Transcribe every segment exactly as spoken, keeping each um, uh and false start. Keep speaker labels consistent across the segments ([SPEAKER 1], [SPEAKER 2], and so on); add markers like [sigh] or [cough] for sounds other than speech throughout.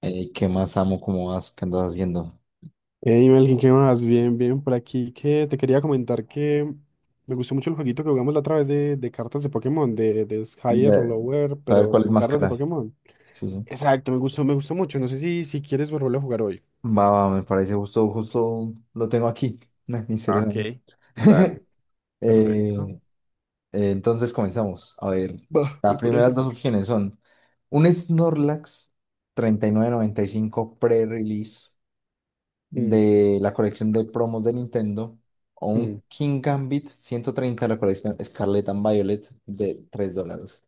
[SPEAKER 1] Ey, ¿qué más amo? ¿Cómo vas? ¿Qué andas haciendo?
[SPEAKER 2] Hey Melkin, ¿qué más? Bien, bien, por aquí que te quería comentar que me gustó mucho el jueguito que jugamos la otra vez de, de cartas de Pokémon, de, de Higher o
[SPEAKER 1] De-
[SPEAKER 2] Lower,
[SPEAKER 1] Saber
[SPEAKER 2] pero
[SPEAKER 1] cuál es
[SPEAKER 2] con
[SPEAKER 1] más
[SPEAKER 2] cartas de
[SPEAKER 1] cara.
[SPEAKER 2] Pokémon.
[SPEAKER 1] Sí, sí.
[SPEAKER 2] Exacto, me gustó, me gustó mucho. No sé si, si quieres volverlo a jugar hoy.
[SPEAKER 1] Va, va, me parece justo, justo lo tengo aquí. [laughs] Me-
[SPEAKER 2] Ah,
[SPEAKER 1] Misterio.
[SPEAKER 2] ok,
[SPEAKER 1] de-
[SPEAKER 2] dale, perfecto.
[SPEAKER 1] Eh, eh, entonces comenzamos. A ver,
[SPEAKER 2] Va,
[SPEAKER 1] las
[SPEAKER 2] me parece.
[SPEAKER 1] primeras dos opciones son un Snorlax treinta y y nueve noventa y cinco pre-release
[SPEAKER 2] Mm,
[SPEAKER 1] de la colección de promos de Nintendo o
[SPEAKER 2] mm.
[SPEAKER 1] un King Gambit ciento treinta de la colección Scarlet and Violet de tres dólares.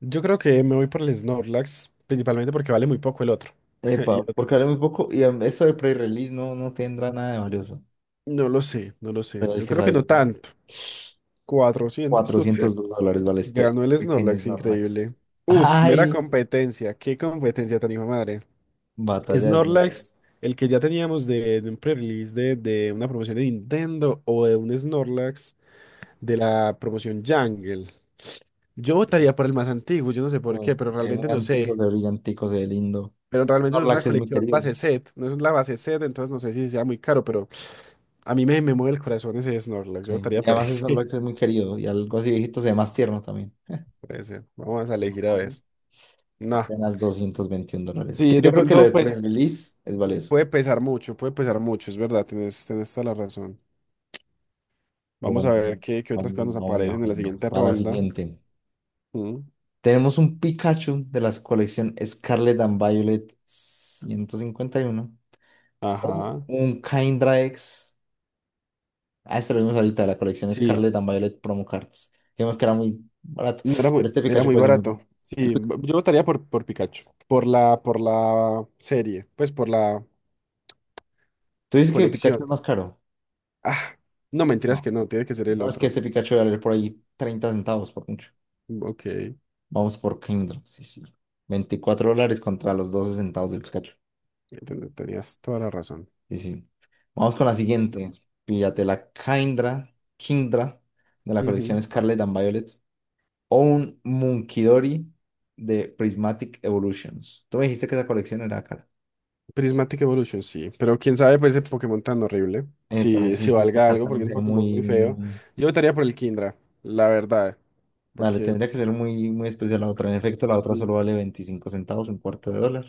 [SPEAKER 2] Yo creo que me voy por el Snorlax, principalmente porque vale muy poco el otro. [laughs] Y el
[SPEAKER 1] Epa,
[SPEAKER 2] otro,
[SPEAKER 1] porque vale muy poco. Y em, eso de pre-release no, no tendrá nada de valioso.
[SPEAKER 2] no lo sé, no lo sé.
[SPEAKER 1] Pero el
[SPEAKER 2] Yo
[SPEAKER 1] que
[SPEAKER 2] creo que
[SPEAKER 1] sabes
[SPEAKER 2] no
[SPEAKER 1] de mí,
[SPEAKER 2] tanto. Cuatrocientos.
[SPEAKER 1] cuatrocientos dos dólares vale este
[SPEAKER 2] Ganó el
[SPEAKER 1] pequeño
[SPEAKER 2] Snorlax, increíble.
[SPEAKER 1] Snorlax.
[SPEAKER 2] Uf, mera
[SPEAKER 1] ¡Ay!
[SPEAKER 2] competencia. Qué competencia tan hijo de madre.
[SPEAKER 1] Batalla de Snorlax.
[SPEAKER 2] Snorlax, el que ya teníamos de, de un pre-release de, de una promoción de Nintendo o de un Snorlax de la promoción Jungle. Yo votaría por el más antiguo, yo no sé por qué,
[SPEAKER 1] Co-
[SPEAKER 2] pero
[SPEAKER 1] Se ve muy
[SPEAKER 2] realmente no
[SPEAKER 1] antiguo,
[SPEAKER 2] sé.
[SPEAKER 1] se ve brillantico, se ve lindo.
[SPEAKER 2] Pero realmente no es una
[SPEAKER 1] Snorlax es muy
[SPEAKER 2] colección
[SPEAKER 1] querido.
[SPEAKER 2] base set, no es la base set, entonces no sé si sea muy caro, pero a mí me, me mueve el corazón ese Snorlax.
[SPEAKER 1] Ok.
[SPEAKER 2] Yo
[SPEAKER 1] Y
[SPEAKER 2] votaría por
[SPEAKER 1] además
[SPEAKER 2] ese.
[SPEAKER 1] Snorlax es
[SPEAKER 2] [laughs]
[SPEAKER 1] muy querido. Y algo así viejito se ve más tierno también.
[SPEAKER 2] Por ese. Vamos a elegir a ver.
[SPEAKER 1] Ujú.
[SPEAKER 2] No.
[SPEAKER 1] Apenas doscientos veintiún dólares. Es
[SPEAKER 2] Sí,
[SPEAKER 1] que yo
[SPEAKER 2] de
[SPEAKER 1] creo que lo
[SPEAKER 2] pronto,
[SPEAKER 1] de
[SPEAKER 2] pues.
[SPEAKER 1] pre-release es valioso.
[SPEAKER 2] Puede pesar mucho, puede pesar mucho, es verdad, tienes, tienes toda la razón.
[SPEAKER 1] Pero
[SPEAKER 2] Vamos a
[SPEAKER 1] bueno,
[SPEAKER 2] ver qué, qué
[SPEAKER 1] vamos,
[SPEAKER 2] otras cosas nos
[SPEAKER 1] vamos
[SPEAKER 2] aparecen en la
[SPEAKER 1] mejorando.
[SPEAKER 2] siguiente
[SPEAKER 1] Va a la
[SPEAKER 2] ronda.
[SPEAKER 1] siguiente.
[SPEAKER 2] Mm,
[SPEAKER 1] Tenemos un Pikachu de la colección Scarlet and Violet ciento cincuenta y uno o
[SPEAKER 2] ajá.
[SPEAKER 1] un Caindrax. Ah, este lo vimos ahorita, de la colección
[SPEAKER 2] Sí,
[SPEAKER 1] Scarlet and Violet Promo Cards. Vimos que era muy barato,
[SPEAKER 2] no era
[SPEAKER 1] pero
[SPEAKER 2] muy,
[SPEAKER 1] este
[SPEAKER 2] era
[SPEAKER 1] Pikachu
[SPEAKER 2] muy
[SPEAKER 1] puede ser muy bueno.
[SPEAKER 2] barato.
[SPEAKER 1] El
[SPEAKER 2] Sí,
[SPEAKER 1] Pi-
[SPEAKER 2] b- yo votaría por, por Pikachu, por la, por la serie, pues por la
[SPEAKER 1] ¿Tú dices que el Pikachu
[SPEAKER 2] colección.
[SPEAKER 1] es más caro?
[SPEAKER 2] Ah, no,
[SPEAKER 1] No,
[SPEAKER 2] mentiras que no, tiene que ser el
[SPEAKER 1] no es que
[SPEAKER 2] otro.
[SPEAKER 1] este Pikachu va a valer por ahí treinta centavos por mucho.
[SPEAKER 2] Ok,
[SPEAKER 1] Vamos por Caindrax, sí, sí. Veinticuatro dólares contra los doce centavos del Pikachu.
[SPEAKER 2] ten- tenías toda la razón.
[SPEAKER 1] Sí, sí. Vamos con la siguiente. Píllate la Kindra, Kindra de la
[SPEAKER 2] Ujú.
[SPEAKER 1] colección Scarlet and Violet o un Munkidori de Prismatic Evolutions. Tú me dijiste que esa colección era cara.
[SPEAKER 2] Prismatic Evolution, sí. Pero quién sabe, pues ese Pokémon tan horrible.
[SPEAKER 1] Eh, pero
[SPEAKER 2] Si,
[SPEAKER 1] sí,
[SPEAKER 2] si
[SPEAKER 1] sí, esta
[SPEAKER 2] valga algo,
[SPEAKER 1] carta no
[SPEAKER 2] porque es
[SPEAKER 1] se
[SPEAKER 2] un
[SPEAKER 1] ve
[SPEAKER 2] Pokémon
[SPEAKER 1] muy...
[SPEAKER 2] muy feo.
[SPEAKER 1] muy-
[SPEAKER 2] Yo votaría por el Kindra, la
[SPEAKER 1] sí.
[SPEAKER 2] verdad.
[SPEAKER 1] Dale,
[SPEAKER 2] Porque.
[SPEAKER 1] tendría que ser muy, muy especial la otra. En efecto, la otra
[SPEAKER 2] Sí.
[SPEAKER 1] solo vale veinticinco centavos, un cuarto de dólar.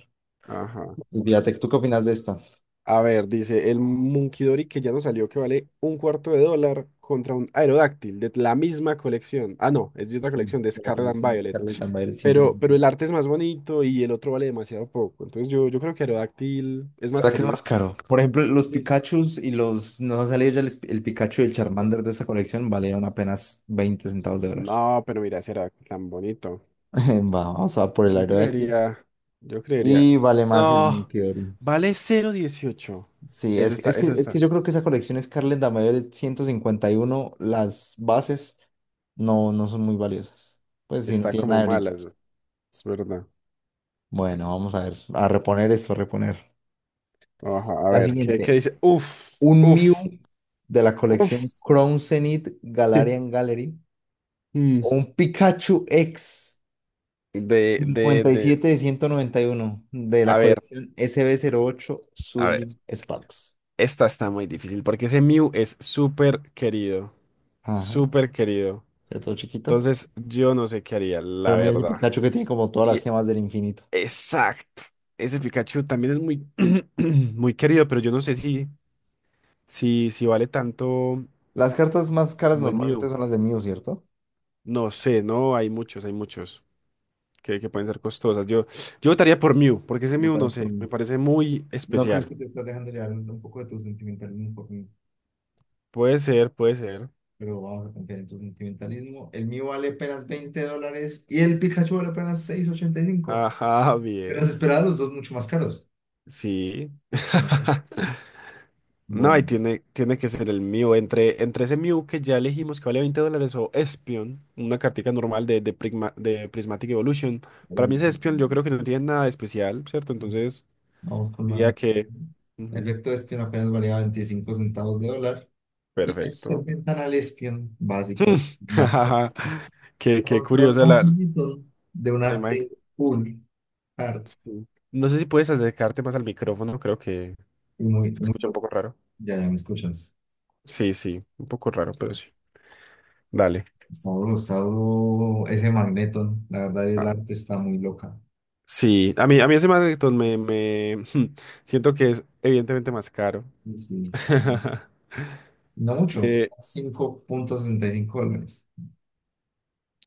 [SPEAKER 2] Ajá.
[SPEAKER 1] Y fíjate, ¿tú qué opinas de esta?
[SPEAKER 2] A ver, dice el Munkidori que ya nos salió que vale un cuarto de dólar contra un Aerodáctil de la misma colección. Ah, no, es de otra colección de
[SPEAKER 1] De la
[SPEAKER 2] Scarlet and
[SPEAKER 1] colección
[SPEAKER 2] Violet.
[SPEAKER 1] Scarlet and Violet.
[SPEAKER 2] Pero, pero el arte es más bonito y el otro vale demasiado poco. Entonces yo, yo creo que Aerodáctil es más
[SPEAKER 1] ¿Será que es
[SPEAKER 2] querido.
[SPEAKER 1] más caro? Por ejemplo, los
[SPEAKER 2] Incluso.
[SPEAKER 1] Pikachus y los... Nos ha salido ya el, el Pikachu y el Charmander de esta colección valieron apenas veinte centavos de dólar.
[SPEAKER 2] No, pero mira ese era tan bonito.
[SPEAKER 1] [laughs] Vamos a por el
[SPEAKER 2] Yo
[SPEAKER 1] Aerodactyl.
[SPEAKER 2] creería, yo creería.
[SPEAKER 1] Y vale más el
[SPEAKER 2] No,
[SPEAKER 1] Meteor.
[SPEAKER 2] vale cero dieciocho.
[SPEAKER 1] Sí,
[SPEAKER 2] Eso
[SPEAKER 1] es,
[SPEAKER 2] está,
[SPEAKER 1] es que,
[SPEAKER 2] eso
[SPEAKER 1] es que
[SPEAKER 2] está,
[SPEAKER 1] yo creo que esa colección Scarlet Damayo de ciento cincuenta y uno las bases no, no son muy valiosas. Pues sí, no
[SPEAKER 2] está
[SPEAKER 1] tienen
[SPEAKER 2] como
[SPEAKER 1] nada de brillo.
[SPEAKER 2] mala, eso es verdad.
[SPEAKER 1] Bueno, vamos a ver, a reponer esto, a reponer.
[SPEAKER 2] Ajá, a
[SPEAKER 1] La
[SPEAKER 2] ver, ¿qué, qué
[SPEAKER 1] siguiente,
[SPEAKER 2] dice? Uf,
[SPEAKER 1] un Mew
[SPEAKER 2] uf,
[SPEAKER 1] de la colección
[SPEAKER 2] uf.
[SPEAKER 1] Crown Zenith Galarian
[SPEAKER 2] [laughs]
[SPEAKER 1] Gallery.
[SPEAKER 2] Mm,
[SPEAKER 1] O un Pikachu X
[SPEAKER 2] De, de,
[SPEAKER 1] cincuenta y
[SPEAKER 2] de,
[SPEAKER 1] siete de ciento noventa y uno de la
[SPEAKER 2] a ver,
[SPEAKER 1] colección sb ocho
[SPEAKER 2] a ver,
[SPEAKER 1] Surging Sparks.
[SPEAKER 2] esta está muy difícil porque ese Mew es súper querido,
[SPEAKER 1] Ajá,
[SPEAKER 2] súper querido.
[SPEAKER 1] está todo chiquito.
[SPEAKER 2] Entonces, yo no sé qué haría, la
[SPEAKER 1] Pero mira ese
[SPEAKER 2] verdad.
[SPEAKER 1] Pikachu que tiene como todas las
[SPEAKER 2] Y-
[SPEAKER 1] gemas del infinito.
[SPEAKER 2] exacto. Ese Pikachu también es muy, [clears throat] muy querido, pero yo no sé si si, si vale tanto
[SPEAKER 1] Las cartas más caras
[SPEAKER 2] como el
[SPEAKER 1] normalmente
[SPEAKER 2] mío.
[SPEAKER 1] son las de Mew, ¿cierto?
[SPEAKER 2] No sé, no, hay muchos, hay muchos que, que pueden ser costosas. Yo, yo votaría por Mew, porque ese Mew, no
[SPEAKER 1] Votarás por
[SPEAKER 2] sé, me
[SPEAKER 1] mí.
[SPEAKER 2] parece muy
[SPEAKER 1] ¿No crees
[SPEAKER 2] especial.
[SPEAKER 1] que te estás dejando llevar un poco de tu sentimentalismo por mí?
[SPEAKER 2] Puede ser, puede ser.
[SPEAKER 1] Pero vamos a confiar en tu sentimentalismo. El mío vale apenas veinte dólares y el Pikachu vale apenas seis ochenta y cinco.
[SPEAKER 2] Ajá,
[SPEAKER 1] Menos
[SPEAKER 2] bien.
[SPEAKER 1] esperados, los dos mucho más caros.
[SPEAKER 2] Sí.
[SPEAKER 1] Bueno.
[SPEAKER 2] [laughs] No, y tiene, tiene que ser el Mew. Entre, entre ese Mew que ya elegimos que vale veinte dólares o Espion, una cartica normal de, de, Prigma- de Prismatic Evolution. Para mí
[SPEAKER 1] Bueno.
[SPEAKER 2] ese Espion yo creo que no tiene nada de especial, ¿cierto? Entonces
[SPEAKER 1] Vamos con
[SPEAKER 2] diría
[SPEAKER 1] una...
[SPEAKER 2] que... Ujú,
[SPEAKER 1] Efecto espion apenas valía veinticinco centavos de dólar. Y nos
[SPEAKER 2] perfecto.
[SPEAKER 1] presentan al espion básico, el
[SPEAKER 2] [laughs]
[SPEAKER 1] matemático,
[SPEAKER 2] Qué, qué
[SPEAKER 1] control
[SPEAKER 2] curiosa la,
[SPEAKER 1] magnitud de un
[SPEAKER 2] la imagen.
[SPEAKER 1] arte full art,
[SPEAKER 2] Sí. No sé si puedes acercarte más al micrófono, creo que
[SPEAKER 1] y muy,
[SPEAKER 2] se
[SPEAKER 1] muy,
[SPEAKER 2] escucha un poco raro.
[SPEAKER 1] ya, ya me escuchas.
[SPEAKER 2] Sí, sí, un poco raro, pero sí. Dale.
[SPEAKER 1] Está duro, está duro ese Magneton. La verdad, el
[SPEAKER 2] Ah,
[SPEAKER 1] arte está muy loca.
[SPEAKER 2] sí, a mí, a mí ese Magneton me, me [laughs] siento que es evidentemente más caro.
[SPEAKER 1] Sí, sí.
[SPEAKER 2] [laughs]
[SPEAKER 1] No mucho,
[SPEAKER 2] Eh,
[SPEAKER 1] cinco punto sesenta y cinco dólares.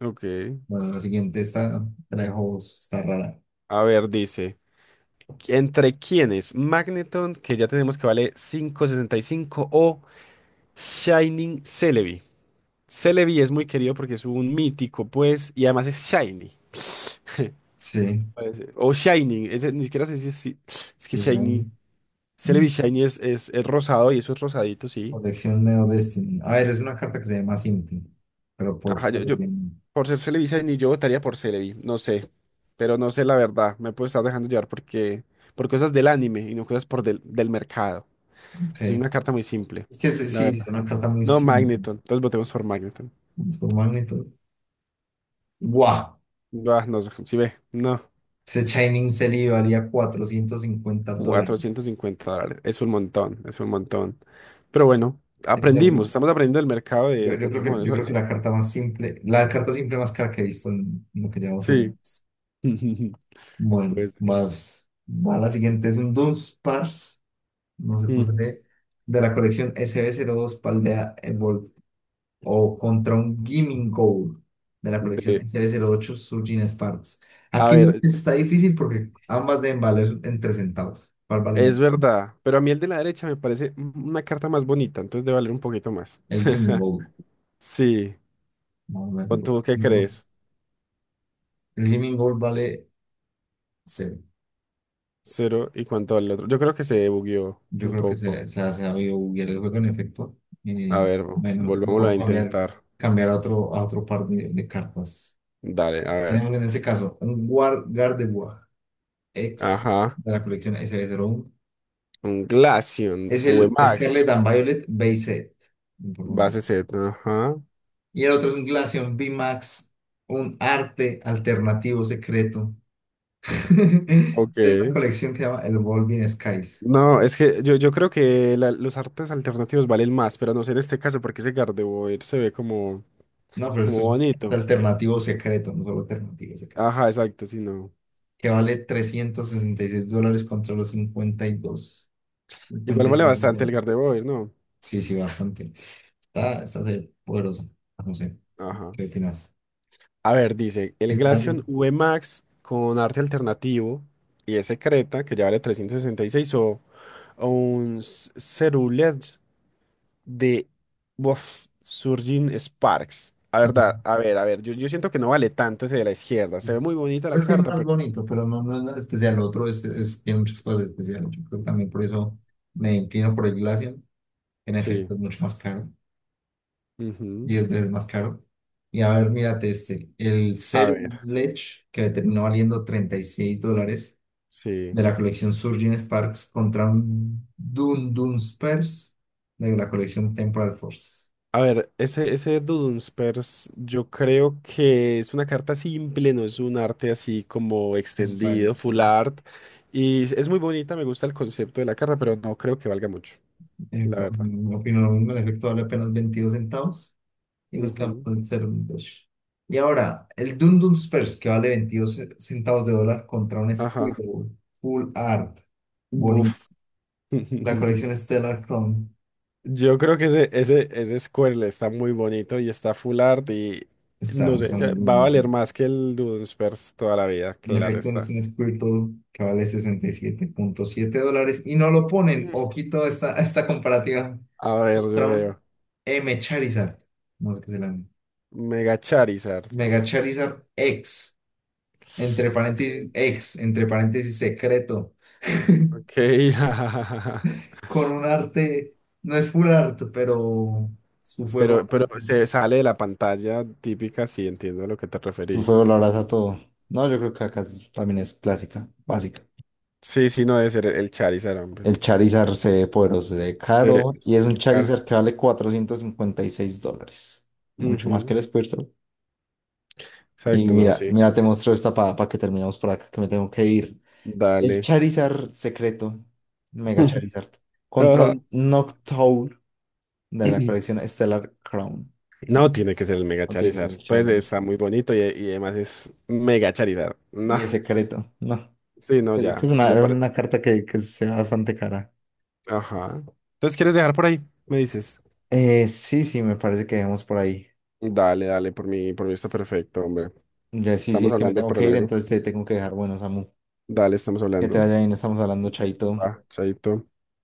[SPEAKER 2] ok.
[SPEAKER 1] Bueno, la siguiente está, trajo, está rara.
[SPEAKER 2] A ver, dice, ¿entre quiénes? Magneton, que ya tenemos que vale cinco sesenta y cinco o Shining Celebi. Celebi es muy querido porque es un mítico, pues, y además es shiny.
[SPEAKER 1] Sí,
[SPEAKER 2] Parece. O shiny, ese, ni siquiera sé si es, si- es que
[SPEAKER 1] es grande.
[SPEAKER 2] shiny. Celebi shiny es, es, es rosado y eso es rosadito, sí.
[SPEAKER 1] Colección Neo Destiny. A ver, es una carta que se llama Simple, pero por...
[SPEAKER 2] Ajá, yo,
[SPEAKER 1] por- ok.
[SPEAKER 2] yo, por ser Celebi shiny, yo votaría por Celebi, no sé. Pero no sé la verdad, me puedo estar dejando llevar porque, por cosas del anime y no cosas por del, del mercado. Pues es una carta muy simple,
[SPEAKER 1] Es que sí,
[SPEAKER 2] la
[SPEAKER 1] sí, es
[SPEAKER 2] verdad.
[SPEAKER 1] una carta muy
[SPEAKER 2] No,
[SPEAKER 1] simple.
[SPEAKER 2] Magneton, entonces votemos por Magneton.
[SPEAKER 1] Es por magnitud. ¡Guau!
[SPEAKER 2] Ah, no, si ve, no.
[SPEAKER 1] Ese Shining Selly valía cuatrocientos cincuenta dólares.
[SPEAKER 2] cuatrocientos cincuenta dólares. Es un montón, es un montón. Pero bueno,
[SPEAKER 1] O sea, yo,
[SPEAKER 2] aprendimos, estamos aprendiendo del mercado de,
[SPEAKER 1] yo-
[SPEAKER 2] de
[SPEAKER 1] yo creo que,
[SPEAKER 2] Pokémon,
[SPEAKER 1] yo
[SPEAKER 2] eso,
[SPEAKER 1] creo que
[SPEAKER 2] eso.
[SPEAKER 1] la carta más simple, la carta simple más cara que he visto en, en lo que llevamos jugando.
[SPEAKER 2] Sí. [laughs]
[SPEAKER 1] Bueno,
[SPEAKER 2] Pues.
[SPEAKER 1] más, va la siguiente, es un Dunsparce, no sé por
[SPEAKER 2] Mm,
[SPEAKER 1] qué, de la colección sb dos Paldea o contra un Gimmin Gold de la colección
[SPEAKER 2] de-
[SPEAKER 1] S B cero ocho Surgeon Sparks.
[SPEAKER 2] a
[SPEAKER 1] Aquí
[SPEAKER 2] ver,
[SPEAKER 1] está difícil porque ambas deben valer entre centavos. ¿Cuál vale
[SPEAKER 2] es
[SPEAKER 1] menos?
[SPEAKER 2] verdad, pero a mí el de la derecha me parece una carta más bonita, entonces debe valer un poquito más.
[SPEAKER 1] El Gimmin
[SPEAKER 2] [laughs]
[SPEAKER 1] Gold.
[SPEAKER 2] Sí.
[SPEAKER 1] Vamos a ver.
[SPEAKER 2] ¿Cuánto, qué crees?
[SPEAKER 1] El Gimmin Gold vale cero.
[SPEAKER 2] Cero y cuánto vale el otro. Yo creo que se bugueó
[SPEAKER 1] Yo
[SPEAKER 2] un
[SPEAKER 1] creo que
[SPEAKER 2] poco.
[SPEAKER 1] se, se ha sabido buguear el juego en efecto.
[SPEAKER 2] A
[SPEAKER 1] Eh,
[SPEAKER 2] ver, vo-
[SPEAKER 1] bueno,
[SPEAKER 2] volvámoslo a
[SPEAKER 1] mejor cambiar,
[SPEAKER 2] intentar.
[SPEAKER 1] cambiar a otro, a otro par de, de cartas.
[SPEAKER 2] Dale, a ver.
[SPEAKER 1] Tenemos en este caso un War Gardevoir X
[SPEAKER 2] Ajá.
[SPEAKER 1] de la colección S B cero uno.
[SPEAKER 2] Un Glaceon,
[SPEAKER 1] Es el Scarlet
[SPEAKER 2] V MAX.
[SPEAKER 1] and Violet Base Set. Importante.
[SPEAKER 2] Base Z, ajá.
[SPEAKER 1] Y el otro es un Glaceon V Max, un arte alternativo secreto [laughs] de una
[SPEAKER 2] Ok.
[SPEAKER 1] colección que se llama El Evolving Skies.
[SPEAKER 2] No, es que yo, yo creo que la- los artes alternativos valen más, pero no sé en este caso porque ese Gardevoir se ve como,
[SPEAKER 1] No, pero esto
[SPEAKER 2] como
[SPEAKER 1] es un arte
[SPEAKER 2] bonito.
[SPEAKER 1] alternativo secreto, no solo alternativo secreto.
[SPEAKER 2] Ajá, exacto, sí, no.
[SPEAKER 1] Que vale trescientos sesenta y seis dólares contra los
[SPEAKER 2] Igual vale
[SPEAKER 1] cincuenta y dos,
[SPEAKER 2] bastante
[SPEAKER 1] 53
[SPEAKER 2] el
[SPEAKER 1] dólares.
[SPEAKER 2] Gardevoir, ¿no?
[SPEAKER 1] Sí, sí, bastante. Está, está serio, poderoso. No sé,
[SPEAKER 2] Ajá.
[SPEAKER 1] ¿qué opinas?
[SPEAKER 2] A ver, dice, el
[SPEAKER 1] El
[SPEAKER 2] Glaceon
[SPEAKER 1] Glaceon.
[SPEAKER 2] V Max con arte alternativo y ese Creta que ya vale trescientos sesenta y seis o, o un Cerulean de Bof, surging Sparks. A verdad,
[SPEAKER 1] Ajá.
[SPEAKER 2] a ver, a ver, yo, yo siento que no vale tanto ese de la izquierda. Se ve muy bonita la
[SPEAKER 1] Pues sí,
[SPEAKER 2] carta,
[SPEAKER 1] más
[SPEAKER 2] pero
[SPEAKER 1] bonito, pero no, no es nada especial. Lo otro es, es- Tiene muchas cosas especiales. Yo creo que también por eso me inclino por el Glacian. En
[SPEAKER 2] sí.
[SPEAKER 1] efecto, es mucho más caro,
[SPEAKER 2] Ujú.
[SPEAKER 1] diez veces más caro. Y a ver, mírate este, el
[SPEAKER 2] A
[SPEAKER 1] Zero
[SPEAKER 2] ver,
[SPEAKER 1] Ledge, que le terminó valiendo treinta y seis dólares,
[SPEAKER 2] sí.
[SPEAKER 1] de la colección Surging Sparks contra un Dun Dun Spurs de la colección Temporal Forces.
[SPEAKER 2] A ver, ese, ese Dudunsparce, yo creo que es una carta simple, no es un arte así como
[SPEAKER 1] Extraño.
[SPEAKER 2] extendido,
[SPEAKER 1] Sí.
[SPEAKER 2] full art. Y es muy bonita, me gusta el concepto de la carta, pero no creo que valga mucho,
[SPEAKER 1] Eh,
[SPEAKER 2] la verdad.
[SPEAKER 1] bueno, opino lo mismo, en efecto, vale apenas veintidós centavos. Y nos quedamos
[SPEAKER 2] Ujú.
[SPEAKER 1] en cero coma dos. Y ahora, el Dun Dun Spurs, que vale veintidós ce- centavos de dólar contra un
[SPEAKER 2] Ajá.
[SPEAKER 1] Scribble, Full Art, bonito.
[SPEAKER 2] Buf.
[SPEAKER 1] La colección
[SPEAKER 2] [laughs]
[SPEAKER 1] Stellar Chrome
[SPEAKER 2] Yo creo que ese, ese, ese Squirrel está muy bonito y está full art y no
[SPEAKER 1] está,
[SPEAKER 2] sé,
[SPEAKER 1] está muy
[SPEAKER 2] ya va a
[SPEAKER 1] bonito.
[SPEAKER 2] valer más que el Dunsparce toda la vida,
[SPEAKER 1] En
[SPEAKER 2] claro
[SPEAKER 1] efecto, es
[SPEAKER 2] está.
[SPEAKER 1] un Squirtle que vale sesenta y siete punto siete dólares y no lo ponen.
[SPEAKER 2] Mm.
[SPEAKER 1] Ojito a esta, a esta comparativa
[SPEAKER 2] A ver, yo
[SPEAKER 1] contra un
[SPEAKER 2] veo.
[SPEAKER 1] M Charizard. No sé qué se llama.
[SPEAKER 2] Mega Charizard.
[SPEAKER 1] Mega Charizard X, entre
[SPEAKER 2] Ok,
[SPEAKER 1] paréntesis X, entre paréntesis secreto.
[SPEAKER 2] ok. [laughs]
[SPEAKER 1] Con un arte, no es full art, pero su fuego.
[SPEAKER 2] Pero, pero se sale de la pantalla típica, sí, entiendo a lo que te
[SPEAKER 1] Su
[SPEAKER 2] referís.
[SPEAKER 1] fuego lo abraza todo. No, yo creo que acá es- también es clásica, básica.
[SPEAKER 2] Sí, sí, no debe ser el Charizard, hombre.
[SPEAKER 1] El Charizard se ve poderoso, se ve
[SPEAKER 2] Se,
[SPEAKER 1] caro. Y es
[SPEAKER 2] se
[SPEAKER 1] un
[SPEAKER 2] ve cara.
[SPEAKER 1] Charizard que vale cuatrocientos cincuenta y seis dólares. Mucho más que
[SPEAKER 2] Ujú,
[SPEAKER 1] el Squirtle. Y
[SPEAKER 2] exacto, no,
[SPEAKER 1] mira,
[SPEAKER 2] sí.
[SPEAKER 1] mira, te muestro esta para que terminemos por acá, que me tengo que ir. El
[SPEAKER 2] Dale.
[SPEAKER 1] Charizard secreto, Mega
[SPEAKER 2] [laughs]
[SPEAKER 1] Charizard, contra
[SPEAKER 2] Ajá.
[SPEAKER 1] un Noctowl de la
[SPEAKER 2] [clears throat]
[SPEAKER 1] colección Stellar Crown.
[SPEAKER 2] No, tiene que ser el Mega
[SPEAKER 1] No, tiene que ser
[SPEAKER 2] Charizard.
[SPEAKER 1] el
[SPEAKER 2] Pues
[SPEAKER 1] Charizard.
[SPEAKER 2] está muy bonito y, y además es Mega Charizard. No,
[SPEAKER 1] Y es secreto. No.
[SPEAKER 2] sí, no,
[SPEAKER 1] Es
[SPEAKER 2] ya,
[SPEAKER 1] es una,
[SPEAKER 2] me
[SPEAKER 1] era
[SPEAKER 2] parece.
[SPEAKER 1] una carta que, que sea bastante cara.
[SPEAKER 2] Ajá. Entonces, ¿quieres dejar por ahí? Me dices.
[SPEAKER 1] Eh, sí, sí, me parece que dejemos por ahí.
[SPEAKER 2] Dale, dale, por mí, por mí está perfecto, hombre.
[SPEAKER 1] Ya, sí, sí,
[SPEAKER 2] Estamos
[SPEAKER 1] es que me
[SPEAKER 2] hablando
[SPEAKER 1] tengo
[SPEAKER 2] para
[SPEAKER 1] que ir,
[SPEAKER 2] luego.
[SPEAKER 1] entonces te tengo que dejar. Bueno, Samu,
[SPEAKER 2] Dale, estamos
[SPEAKER 1] que te
[SPEAKER 2] hablando.
[SPEAKER 1] vaya bien, estamos hablando, chaito.
[SPEAKER 2] Va, chaito.